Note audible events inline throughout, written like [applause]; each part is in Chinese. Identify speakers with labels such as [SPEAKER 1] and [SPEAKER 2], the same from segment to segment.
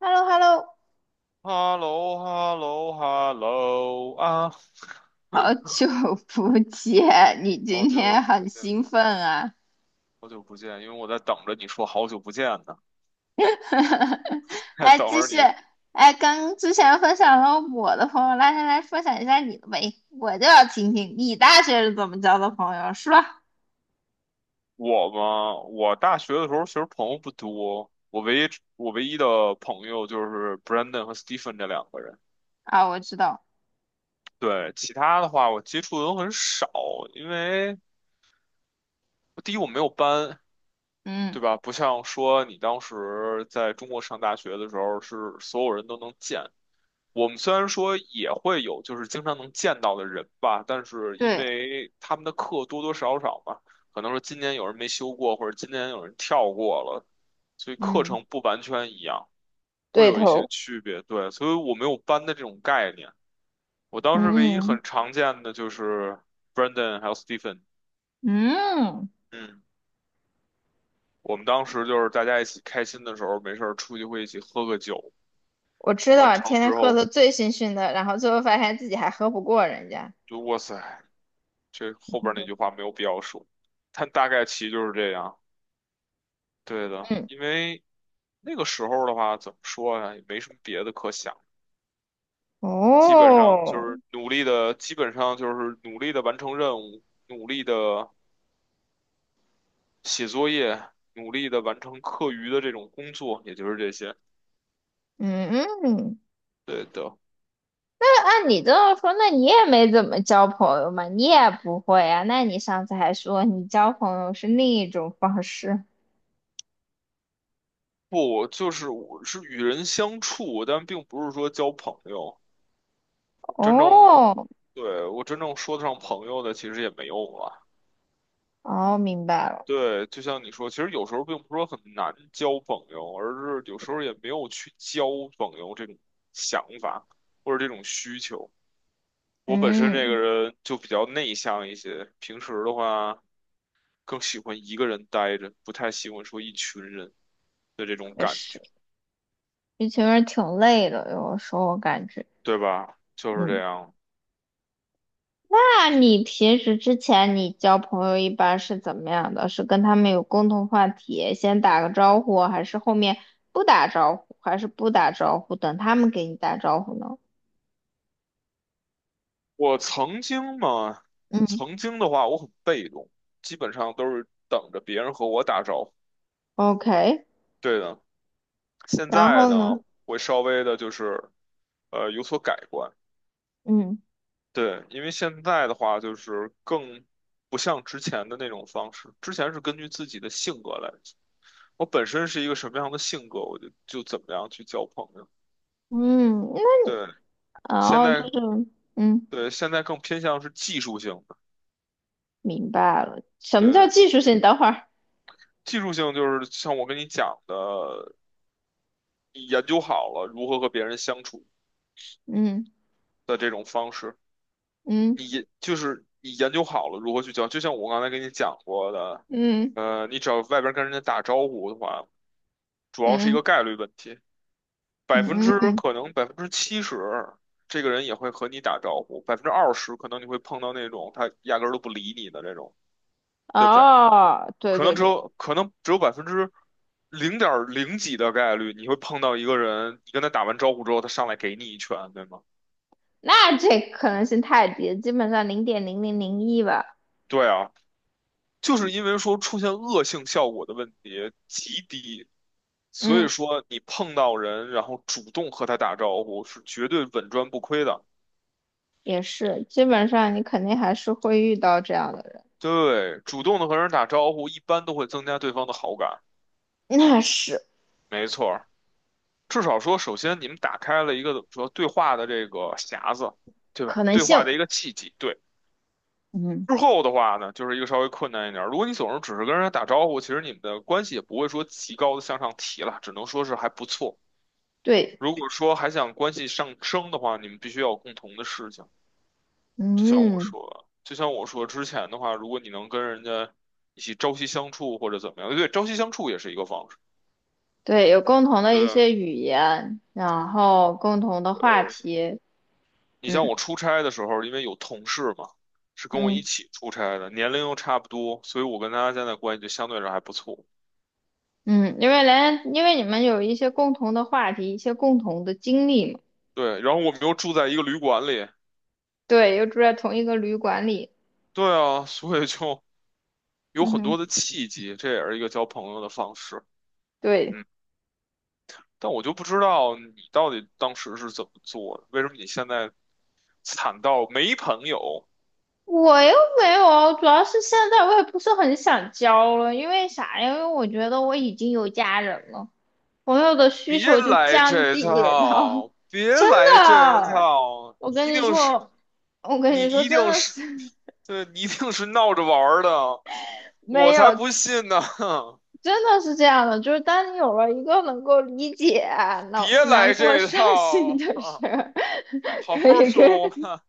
[SPEAKER 1] h e l l o h e l l o
[SPEAKER 2] h e l l o h e l l o h e l l o 啊，
[SPEAKER 1] 好久不见，你
[SPEAKER 2] 好
[SPEAKER 1] 今
[SPEAKER 2] 久
[SPEAKER 1] 天
[SPEAKER 2] 不
[SPEAKER 1] 很
[SPEAKER 2] 见，
[SPEAKER 1] 兴奋啊！
[SPEAKER 2] 好久不见，因为我在等着你说好久不见呢，
[SPEAKER 1] [laughs]
[SPEAKER 2] [laughs]
[SPEAKER 1] 哎，
[SPEAKER 2] 等
[SPEAKER 1] 继
[SPEAKER 2] 着
[SPEAKER 1] 续，
[SPEAKER 2] 你。
[SPEAKER 1] 哎，刚之前分享了我的朋友，来来来，分享一下你的呗，我就要听听你大学是怎么交的朋友，是吧？
[SPEAKER 2] 我嘛，我大学的时候其实朋友不多，我唯一的朋友就是 Brandon 和 Stephen 这两个人，
[SPEAKER 1] 啊，我知道。
[SPEAKER 2] 对，其他的话我接触的都很少，因为第一我没有班，
[SPEAKER 1] 嗯。
[SPEAKER 2] 对吧？不像说你当时在中国上大学的时候是所有人都能见。我们虽然说也会有，就是经常能见到的人吧，但是因
[SPEAKER 1] 对。
[SPEAKER 2] 为他们的课多多少少嘛，可能说今年有人没修过，或者今年有人跳过了，所以课
[SPEAKER 1] 嗯。
[SPEAKER 2] 程不完全一样，会
[SPEAKER 1] 对
[SPEAKER 2] 有一些
[SPEAKER 1] 头。
[SPEAKER 2] 区别。对，所以我没有班的这种概念。我当时唯一
[SPEAKER 1] 嗯。
[SPEAKER 2] 很常见的就是 b r e n d a n 还有 Stephen，
[SPEAKER 1] 嗯
[SPEAKER 2] 嗯，我们当时就是大家一起开心的时候，没事儿出去会一起喝个酒，
[SPEAKER 1] 我知
[SPEAKER 2] 完
[SPEAKER 1] 道，
[SPEAKER 2] 成
[SPEAKER 1] 天天
[SPEAKER 2] 之
[SPEAKER 1] 喝
[SPEAKER 2] 后
[SPEAKER 1] 的醉醺醺的，然后最后发现自己还喝不过人家。
[SPEAKER 2] 就哇塞。这后边那句话没有必要说，但大概其就是这样。对的，
[SPEAKER 1] 嗯。
[SPEAKER 2] 因为那个时候的话，怎么说呀，也没什么别的可想，基本上就
[SPEAKER 1] 哦。
[SPEAKER 2] 是努力的，基本上就是努力的完成任务，努力的写作业，努力的完成课余的这种工作，也就是这些。
[SPEAKER 1] 嗯嗯。
[SPEAKER 2] 对的，
[SPEAKER 1] 按你这么说，那你也没怎么交朋友嘛，你也不会啊。那你上次还说你交朋友是另一种方式。
[SPEAKER 2] 不，就是我是与人相处，但并不是说交朋友。我真正，
[SPEAKER 1] 哦。
[SPEAKER 2] 对，我真正说得上朋友的，其实也没有了。
[SPEAKER 1] 哦，明白了。
[SPEAKER 2] 对，就像你说，其实有时候并不是说很难交朋友，而是有时候也没有去交朋友这种想法或者这种需求。我本身这个
[SPEAKER 1] 嗯。
[SPEAKER 2] 人就比较内向一些，平时的话更喜欢一个人待着，不太喜欢说一群人的这种
[SPEAKER 1] 也
[SPEAKER 2] 感
[SPEAKER 1] 是，
[SPEAKER 2] 觉，
[SPEAKER 1] 一群人挺累的，有时候我感觉。
[SPEAKER 2] 对吧？就是这
[SPEAKER 1] 嗯，
[SPEAKER 2] 样。
[SPEAKER 1] 那你平时之前你交朋友一般是怎么样的？是跟他们有共同话题，先打个招呼，还是后面不打招呼，等他们给你打招呼呢？
[SPEAKER 2] 我曾经嘛，
[SPEAKER 1] 嗯
[SPEAKER 2] 曾经的话我很被动，基本上都是等着别人和我打招呼。
[SPEAKER 1] ，OK，
[SPEAKER 2] 对的。现
[SPEAKER 1] 然
[SPEAKER 2] 在
[SPEAKER 1] 后
[SPEAKER 2] 呢，
[SPEAKER 1] 呢？
[SPEAKER 2] 会稍微的就是有所改观。
[SPEAKER 1] 嗯。
[SPEAKER 2] 对，因为现在的话就是更不像之前的那种方式，之前是根据自己的性格来，我本身是一个什么样的性格，我就怎么样去交朋友。
[SPEAKER 1] 嗯，因为
[SPEAKER 2] 对，现
[SPEAKER 1] 哦，就
[SPEAKER 2] 在
[SPEAKER 1] 是嗯，
[SPEAKER 2] 对，现在更偏向是技术性的，
[SPEAKER 1] 明白了，什么叫
[SPEAKER 2] 对，
[SPEAKER 1] 技术性？等会儿。
[SPEAKER 2] 技术性就是像我跟你讲的，你研究好了如何和别人相处
[SPEAKER 1] 嗯
[SPEAKER 2] 的这种方式。
[SPEAKER 1] 嗯
[SPEAKER 2] 就是你研究好了如何去教，就像我刚才跟你讲过的，
[SPEAKER 1] 嗯
[SPEAKER 2] 你只要外边跟人家打招呼的话，主要是一
[SPEAKER 1] 嗯
[SPEAKER 2] 个概率问题，百分
[SPEAKER 1] 嗯
[SPEAKER 2] 之
[SPEAKER 1] 嗯。
[SPEAKER 2] 可能百分之七十，这个人也会和你打招呼，百分之二十可能你会碰到那种他压根儿都不理你的这种，对不对？
[SPEAKER 1] 哦，对
[SPEAKER 2] 可
[SPEAKER 1] 对
[SPEAKER 2] 能只
[SPEAKER 1] 对。
[SPEAKER 2] 有可能只有百分之零点零几的概率，你会碰到一个人，你跟他打完招呼之后，他上来给你一拳，对吗？
[SPEAKER 1] 那这可能性太低了基本上零点零零零一吧。
[SPEAKER 2] 对啊，就是因为说出现恶性效果的问题极低，所以
[SPEAKER 1] 嗯，
[SPEAKER 2] 说你碰到人，然后主动和他打招呼是绝对稳赚不亏的。
[SPEAKER 1] 也是，基本上你肯定还是会遇到这样的人。
[SPEAKER 2] 对，主动的和人打招呼，一般都会增加对方的好感。
[SPEAKER 1] 那是
[SPEAKER 2] 没错儿，至少说，首先你们打开了一个怎么说对话的这个匣子，对
[SPEAKER 1] 可
[SPEAKER 2] 吧？
[SPEAKER 1] 能
[SPEAKER 2] 对
[SPEAKER 1] 性。
[SPEAKER 2] 话的一个契机。对，
[SPEAKER 1] 嗯。
[SPEAKER 2] 之后的话呢，就是一个稍微困难一点儿。如果你总是只是跟人家打招呼，其实你们的关系也不会说极高的向上提了，只能说是还不错。
[SPEAKER 1] 对。
[SPEAKER 2] 如果说还想关系上升的话，你们必须要有共同的事情。就像我
[SPEAKER 1] 嗯，
[SPEAKER 2] 说，就像我说之前的话，如果你能跟人家一起朝夕相处或者怎么样，对，朝夕相处也是一个方式。
[SPEAKER 1] 对，有共同的一
[SPEAKER 2] 对啊，
[SPEAKER 1] 些语言，然后共同的话
[SPEAKER 2] 呃，
[SPEAKER 1] 题。
[SPEAKER 2] 你像我
[SPEAKER 1] 嗯。
[SPEAKER 2] 出差的时候，因为有同事嘛，是跟我一
[SPEAKER 1] 嗯。
[SPEAKER 2] 起出差的，年龄又差不多，所以我跟他现在关系就相对上还不错。
[SPEAKER 1] 嗯，因为连因为你们有一些共同的话题，一些共同的经历嘛。
[SPEAKER 2] 对，然后我们又住在一个旅馆里，
[SPEAKER 1] 对，又住在同一个旅馆里。
[SPEAKER 2] 对啊，所以就有
[SPEAKER 1] 嗯
[SPEAKER 2] 很
[SPEAKER 1] 哼。
[SPEAKER 2] 多的契机，这也是一个交朋友的方式。
[SPEAKER 1] 对。
[SPEAKER 2] 嗯。但我就不知道你到底当时是怎么做的，为什么你现在惨到没朋友？
[SPEAKER 1] 我又没有，主要是现在我也不是很想交了，因为啥呀？因为我觉得我已经有家人了，朋友的需
[SPEAKER 2] 别
[SPEAKER 1] 求就
[SPEAKER 2] 来
[SPEAKER 1] 降
[SPEAKER 2] 这
[SPEAKER 1] 低到。
[SPEAKER 2] 套，
[SPEAKER 1] [laughs]
[SPEAKER 2] 别
[SPEAKER 1] 真
[SPEAKER 2] 来这
[SPEAKER 1] 的，
[SPEAKER 2] 套，
[SPEAKER 1] 我
[SPEAKER 2] 你
[SPEAKER 1] 跟
[SPEAKER 2] 一
[SPEAKER 1] 你
[SPEAKER 2] 定是，
[SPEAKER 1] 说，我跟
[SPEAKER 2] 你
[SPEAKER 1] 你说，
[SPEAKER 2] 一
[SPEAKER 1] 真
[SPEAKER 2] 定
[SPEAKER 1] 的
[SPEAKER 2] 是，
[SPEAKER 1] 是。
[SPEAKER 2] 对，你一定是闹着玩儿的，
[SPEAKER 1] [laughs]
[SPEAKER 2] 我
[SPEAKER 1] 没
[SPEAKER 2] 才
[SPEAKER 1] 有，
[SPEAKER 2] 不信呢！
[SPEAKER 1] 真的是这样的，就是当你有了一个能够理解
[SPEAKER 2] [laughs]
[SPEAKER 1] 难
[SPEAKER 2] 别
[SPEAKER 1] 难
[SPEAKER 2] 来
[SPEAKER 1] 过、
[SPEAKER 2] 这
[SPEAKER 1] 伤心
[SPEAKER 2] 套
[SPEAKER 1] 的
[SPEAKER 2] 啊，
[SPEAKER 1] 事儿，
[SPEAKER 2] [laughs]
[SPEAKER 1] [laughs]
[SPEAKER 2] 好
[SPEAKER 1] 可
[SPEAKER 2] 好
[SPEAKER 1] 以可
[SPEAKER 2] 说
[SPEAKER 1] 以。
[SPEAKER 2] 话。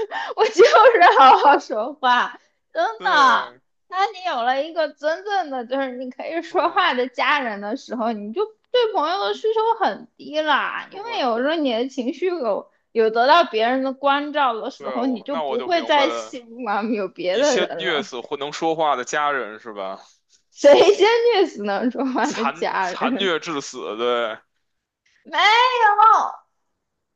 [SPEAKER 1] [laughs] 我就是好好说话，真的。
[SPEAKER 2] 对，
[SPEAKER 1] 当你有了一个真正的就是你可以说话
[SPEAKER 2] 嗯，
[SPEAKER 1] 的家人的时候，你就对朋友的需求很低啦，
[SPEAKER 2] 是
[SPEAKER 1] 因为
[SPEAKER 2] 吗？
[SPEAKER 1] 有时候你的情绪有得到别人的关照的时
[SPEAKER 2] 对，
[SPEAKER 1] 候，你
[SPEAKER 2] 我
[SPEAKER 1] 就
[SPEAKER 2] 那我
[SPEAKER 1] 不
[SPEAKER 2] 就
[SPEAKER 1] 会
[SPEAKER 2] 明白
[SPEAKER 1] 再
[SPEAKER 2] 了，
[SPEAKER 1] 希望 [laughs] 有别
[SPEAKER 2] 你
[SPEAKER 1] 的
[SPEAKER 2] 先
[SPEAKER 1] 人
[SPEAKER 2] 虐
[SPEAKER 1] 了。
[SPEAKER 2] 死会能说话的家人是吧？
[SPEAKER 1] 谁先虐死能说话的
[SPEAKER 2] 残
[SPEAKER 1] 家
[SPEAKER 2] 残
[SPEAKER 1] 人？
[SPEAKER 2] 虐致死，对，
[SPEAKER 1] 没有，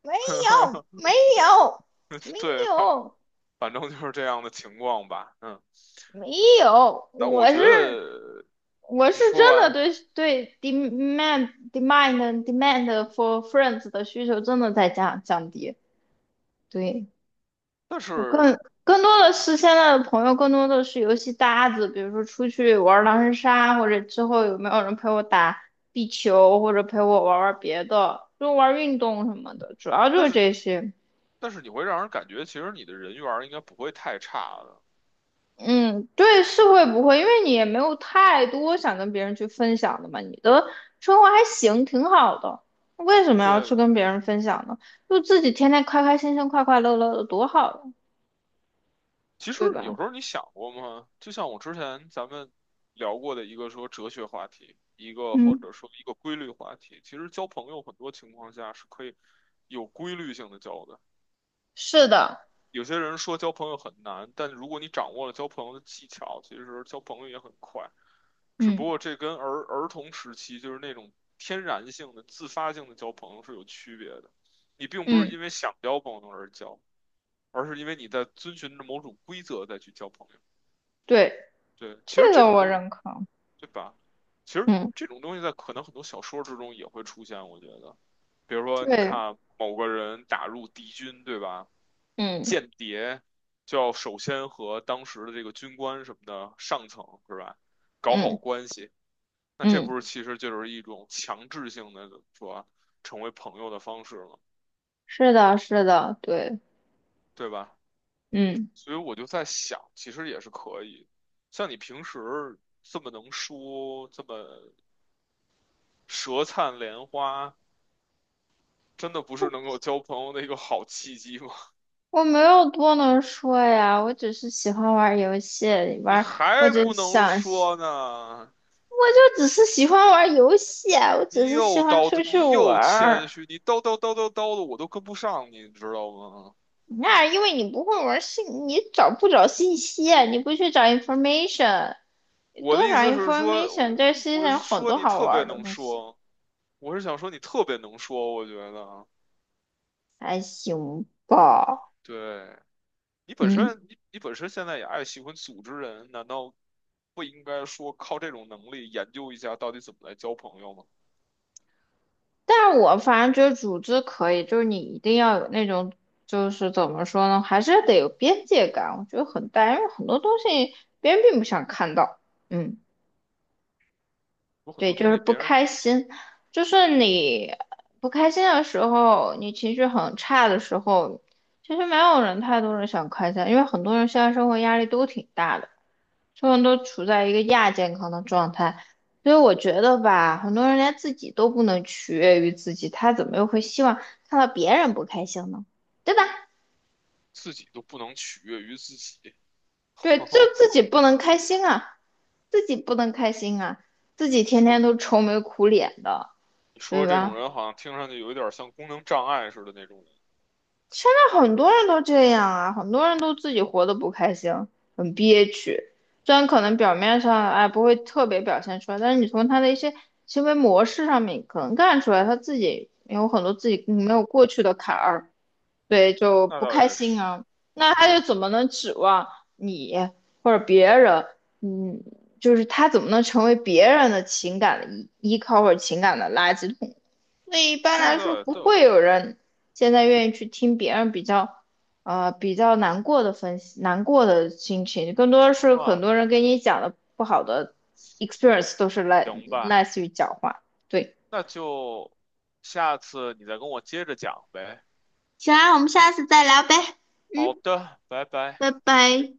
[SPEAKER 1] 没有，
[SPEAKER 2] [laughs]
[SPEAKER 1] 没有，没
[SPEAKER 2] 对，反
[SPEAKER 1] 有，
[SPEAKER 2] 反正就是这样的情况吧，嗯。
[SPEAKER 1] 没有，
[SPEAKER 2] 但我觉得
[SPEAKER 1] 我是
[SPEAKER 2] 你说
[SPEAKER 1] 真的
[SPEAKER 2] 完，
[SPEAKER 1] 对 demand for friends 的需求真的在降低。对，
[SPEAKER 2] 但
[SPEAKER 1] 我
[SPEAKER 2] 是
[SPEAKER 1] 更更多的是现在的朋友，更多的是游戏搭子，比如说出去玩狼人杀，或者之后有没有人陪我打壁球，或者陪我玩玩别的，就玩运动什么的，主要就
[SPEAKER 2] 但
[SPEAKER 1] 是
[SPEAKER 2] 是
[SPEAKER 1] 这些。
[SPEAKER 2] 但是你会让人感觉，其实你的人缘儿应该不会太差的，
[SPEAKER 1] 嗯，对，是会不会？因为你也没有太多想跟别人去分享的嘛，你的生活还行，挺好的，为什么要
[SPEAKER 2] 对
[SPEAKER 1] 去
[SPEAKER 2] 的。
[SPEAKER 1] 跟别人分享呢？就自己天天开开心心、快快乐乐的，多好呀，
[SPEAKER 2] 其实
[SPEAKER 1] 对
[SPEAKER 2] 有
[SPEAKER 1] 吧？
[SPEAKER 2] 时候你想过吗？就像我之前咱们聊过的一个说哲学话题，一个或
[SPEAKER 1] 嗯，
[SPEAKER 2] 者说一个规律话题，其实交朋友很多情况下是可以有规律性的交的。
[SPEAKER 1] 是的。
[SPEAKER 2] 有些人说交朋友很难，但如果你掌握了交朋友的技巧，其实交朋友也很快。只不
[SPEAKER 1] 嗯
[SPEAKER 2] 过这跟儿童时期就是那种天然性的、自发性的交朋友是有区别的。你并不是
[SPEAKER 1] 嗯。
[SPEAKER 2] 因为想交朋友而交，而是因为你在遵循着某种规则再去交朋友。
[SPEAKER 1] 对，
[SPEAKER 2] 对，其实
[SPEAKER 1] 这
[SPEAKER 2] 这
[SPEAKER 1] 个
[SPEAKER 2] 种
[SPEAKER 1] 我
[SPEAKER 2] 都。
[SPEAKER 1] 认可。
[SPEAKER 2] 对吧？其实
[SPEAKER 1] 嗯。
[SPEAKER 2] 这种东西在可能很多小说之中也会出现，我觉得，比如说你
[SPEAKER 1] 对。
[SPEAKER 2] 看某个人打入敌军，对吧？
[SPEAKER 1] 嗯
[SPEAKER 2] 间谍就要首先和当时的这个军官什么的上层是吧，搞好
[SPEAKER 1] 嗯
[SPEAKER 2] 关系。那这
[SPEAKER 1] 嗯。
[SPEAKER 2] 不是其实就是一种强制性的怎么说啊，成为朋友的方式吗？
[SPEAKER 1] 是的，是的，对。
[SPEAKER 2] 对吧？
[SPEAKER 1] 嗯。
[SPEAKER 2] 所以我就在想，其实也是可以。像你平时这么能说，这么舌灿莲花。真的不是能够交朋友的一个好契机吗？
[SPEAKER 1] 我没有多能说呀，我只是喜欢玩游戏，
[SPEAKER 2] [laughs] 你
[SPEAKER 1] 玩，我
[SPEAKER 2] 还
[SPEAKER 1] 只是
[SPEAKER 2] 不能
[SPEAKER 1] 想。
[SPEAKER 2] 说呢，
[SPEAKER 1] 我就只是喜欢玩游戏啊，我
[SPEAKER 2] 你
[SPEAKER 1] 只是喜
[SPEAKER 2] 又
[SPEAKER 1] 欢
[SPEAKER 2] 叨
[SPEAKER 1] 出
[SPEAKER 2] 叨，
[SPEAKER 1] 去
[SPEAKER 2] 你
[SPEAKER 1] 玩
[SPEAKER 2] 又谦
[SPEAKER 1] 儿。
[SPEAKER 2] 虚，你叨叨叨叨叨的，我都跟不上你，你知道吗？
[SPEAKER 1] 那因为你不会玩信，你找不找信息啊？你不去找 information，
[SPEAKER 2] 我的
[SPEAKER 1] 多找
[SPEAKER 2] 意思是说，
[SPEAKER 1] information，这
[SPEAKER 2] 我
[SPEAKER 1] 世界
[SPEAKER 2] 我
[SPEAKER 1] 上有
[SPEAKER 2] 是
[SPEAKER 1] 很
[SPEAKER 2] 说
[SPEAKER 1] 多
[SPEAKER 2] 你
[SPEAKER 1] 好
[SPEAKER 2] 特别
[SPEAKER 1] 玩的
[SPEAKER 2] 能
[SPEAKER 1] 东西，
[SPEAKER 2] 说，我是想说你特别能说，我觉得，
[SPEAKER 1] 还行吧。
[SPEAKER 2] 对，你本
[SPEAKER 1] 嗯，
[SPEAKER 2] 身你你本身现在也爱喜欢组织人，难道不应该说靠这种能力研究一下到底怎么来交朋友吗？
[SPEAKER 1] 但我反正觉得组织可以，就是你一定要有那种，就是怎么说呢，还是得有边界感。我觉得很大，因为很多东西别人并不想看到。嗯。
[SPEAKER 2] 有很
[SPEAKER 1] 对，
[SPEAKER 2] 多
[SPEAKER 1] 就
[SPEAKER 2] 东
[SPEAKER 1] 是
[SPEAKER 2] 西
[SPEAKER 1] 不
[SPEAKER 2] 别人
[SPEAKER 1] 开心，就是你不开心的时候，你情绪很差的时候，其实没有人太多人想开心，因为很多人现在生活压力都挺大的，所有人都处在一个亚健康的状态，所以我觉得吧，很多人连自己都不能取悦于自己，他怎么又会希望看到别人不开心呢？对吧？
[SPEAKER 2] 自己都不能取悦于自己。[laughs]
[SPEAKER 1] 对，就
[SPEAKER 2] 哦，
[SPEAKER 1] 自己不能开心啊，自己不能开心啊，自己天天
[SPEAKER 2] 说
[SPEAKER 1] 都愁眉苦脸的，
[SPEAKER 2] 你说
[SPEAKER 1] 对
[SPEAKER 2] 这种
[SPEAKER 1] 吧？
[SPEAKER 2] 人好像听上去有一点像功能障碍似的那种人，
[SPEAKER 1] 在很多人都这样啊，很多人都自己活得不开心，很憋屈。虽然可能表面上哎不会特别表现出来，但是你从他的一些行为模式上面可能看出来，他自己有很多自己没有过去的坎儿，对，就
[SPEAKER 2] 那
[SPEAKER 1] 不
[SPEAKER 2] 倒
[SPEAKER 1] 开
[SPEAKER 2] 也
[SPEAKER 1] 心
[SPEAKER 2] 是，
[SPEAKER 1] 啊。那他
[SPEAKER 2] 对，
[SPEAKER 1] 又
[SPEAKER 2] 你
[SPEAKER 1] 怎么能指望你或者别人？嗯，就是他怎么能成为别人的情感的依靠或者情感的垃圾桶？所以一般
[SPEAKER 2] 说的
[SPEAKER 1] 来说
[SPEAKER 2] 倒也
[SPEAKER 1] 不
[SPEAKER 2] 对。
[SPEAKER 1] 会有人现在愿意去听别人比较，比较难过的分析，难过的心情，更多
[SPEAKER 2] 然
[SPEAKER 1] 是
[SPEAKER 2] 后
[SPEAKER 1] 很
[SPEAKER 2] 啊，
[SPEAKER 1] 多人给你讲的不好的 experience 都是来
[SPEAKER 2] 行吧，
[SPEAKER 1] 类似于讲话。对，
[SPEAKER 2] 那就下次你再跟我接着讲呗。
[SPEAKER 1] 行啊，我们下次再聊呗。
[SPEAKER 2] 好
[SPEAKER 1] 嗯，
[SPEAKER 2] 的，拜拜。
[SPEAKER 1] 拜
[SPEAKER 2] 再见。
[SPEAKER 1] 拜。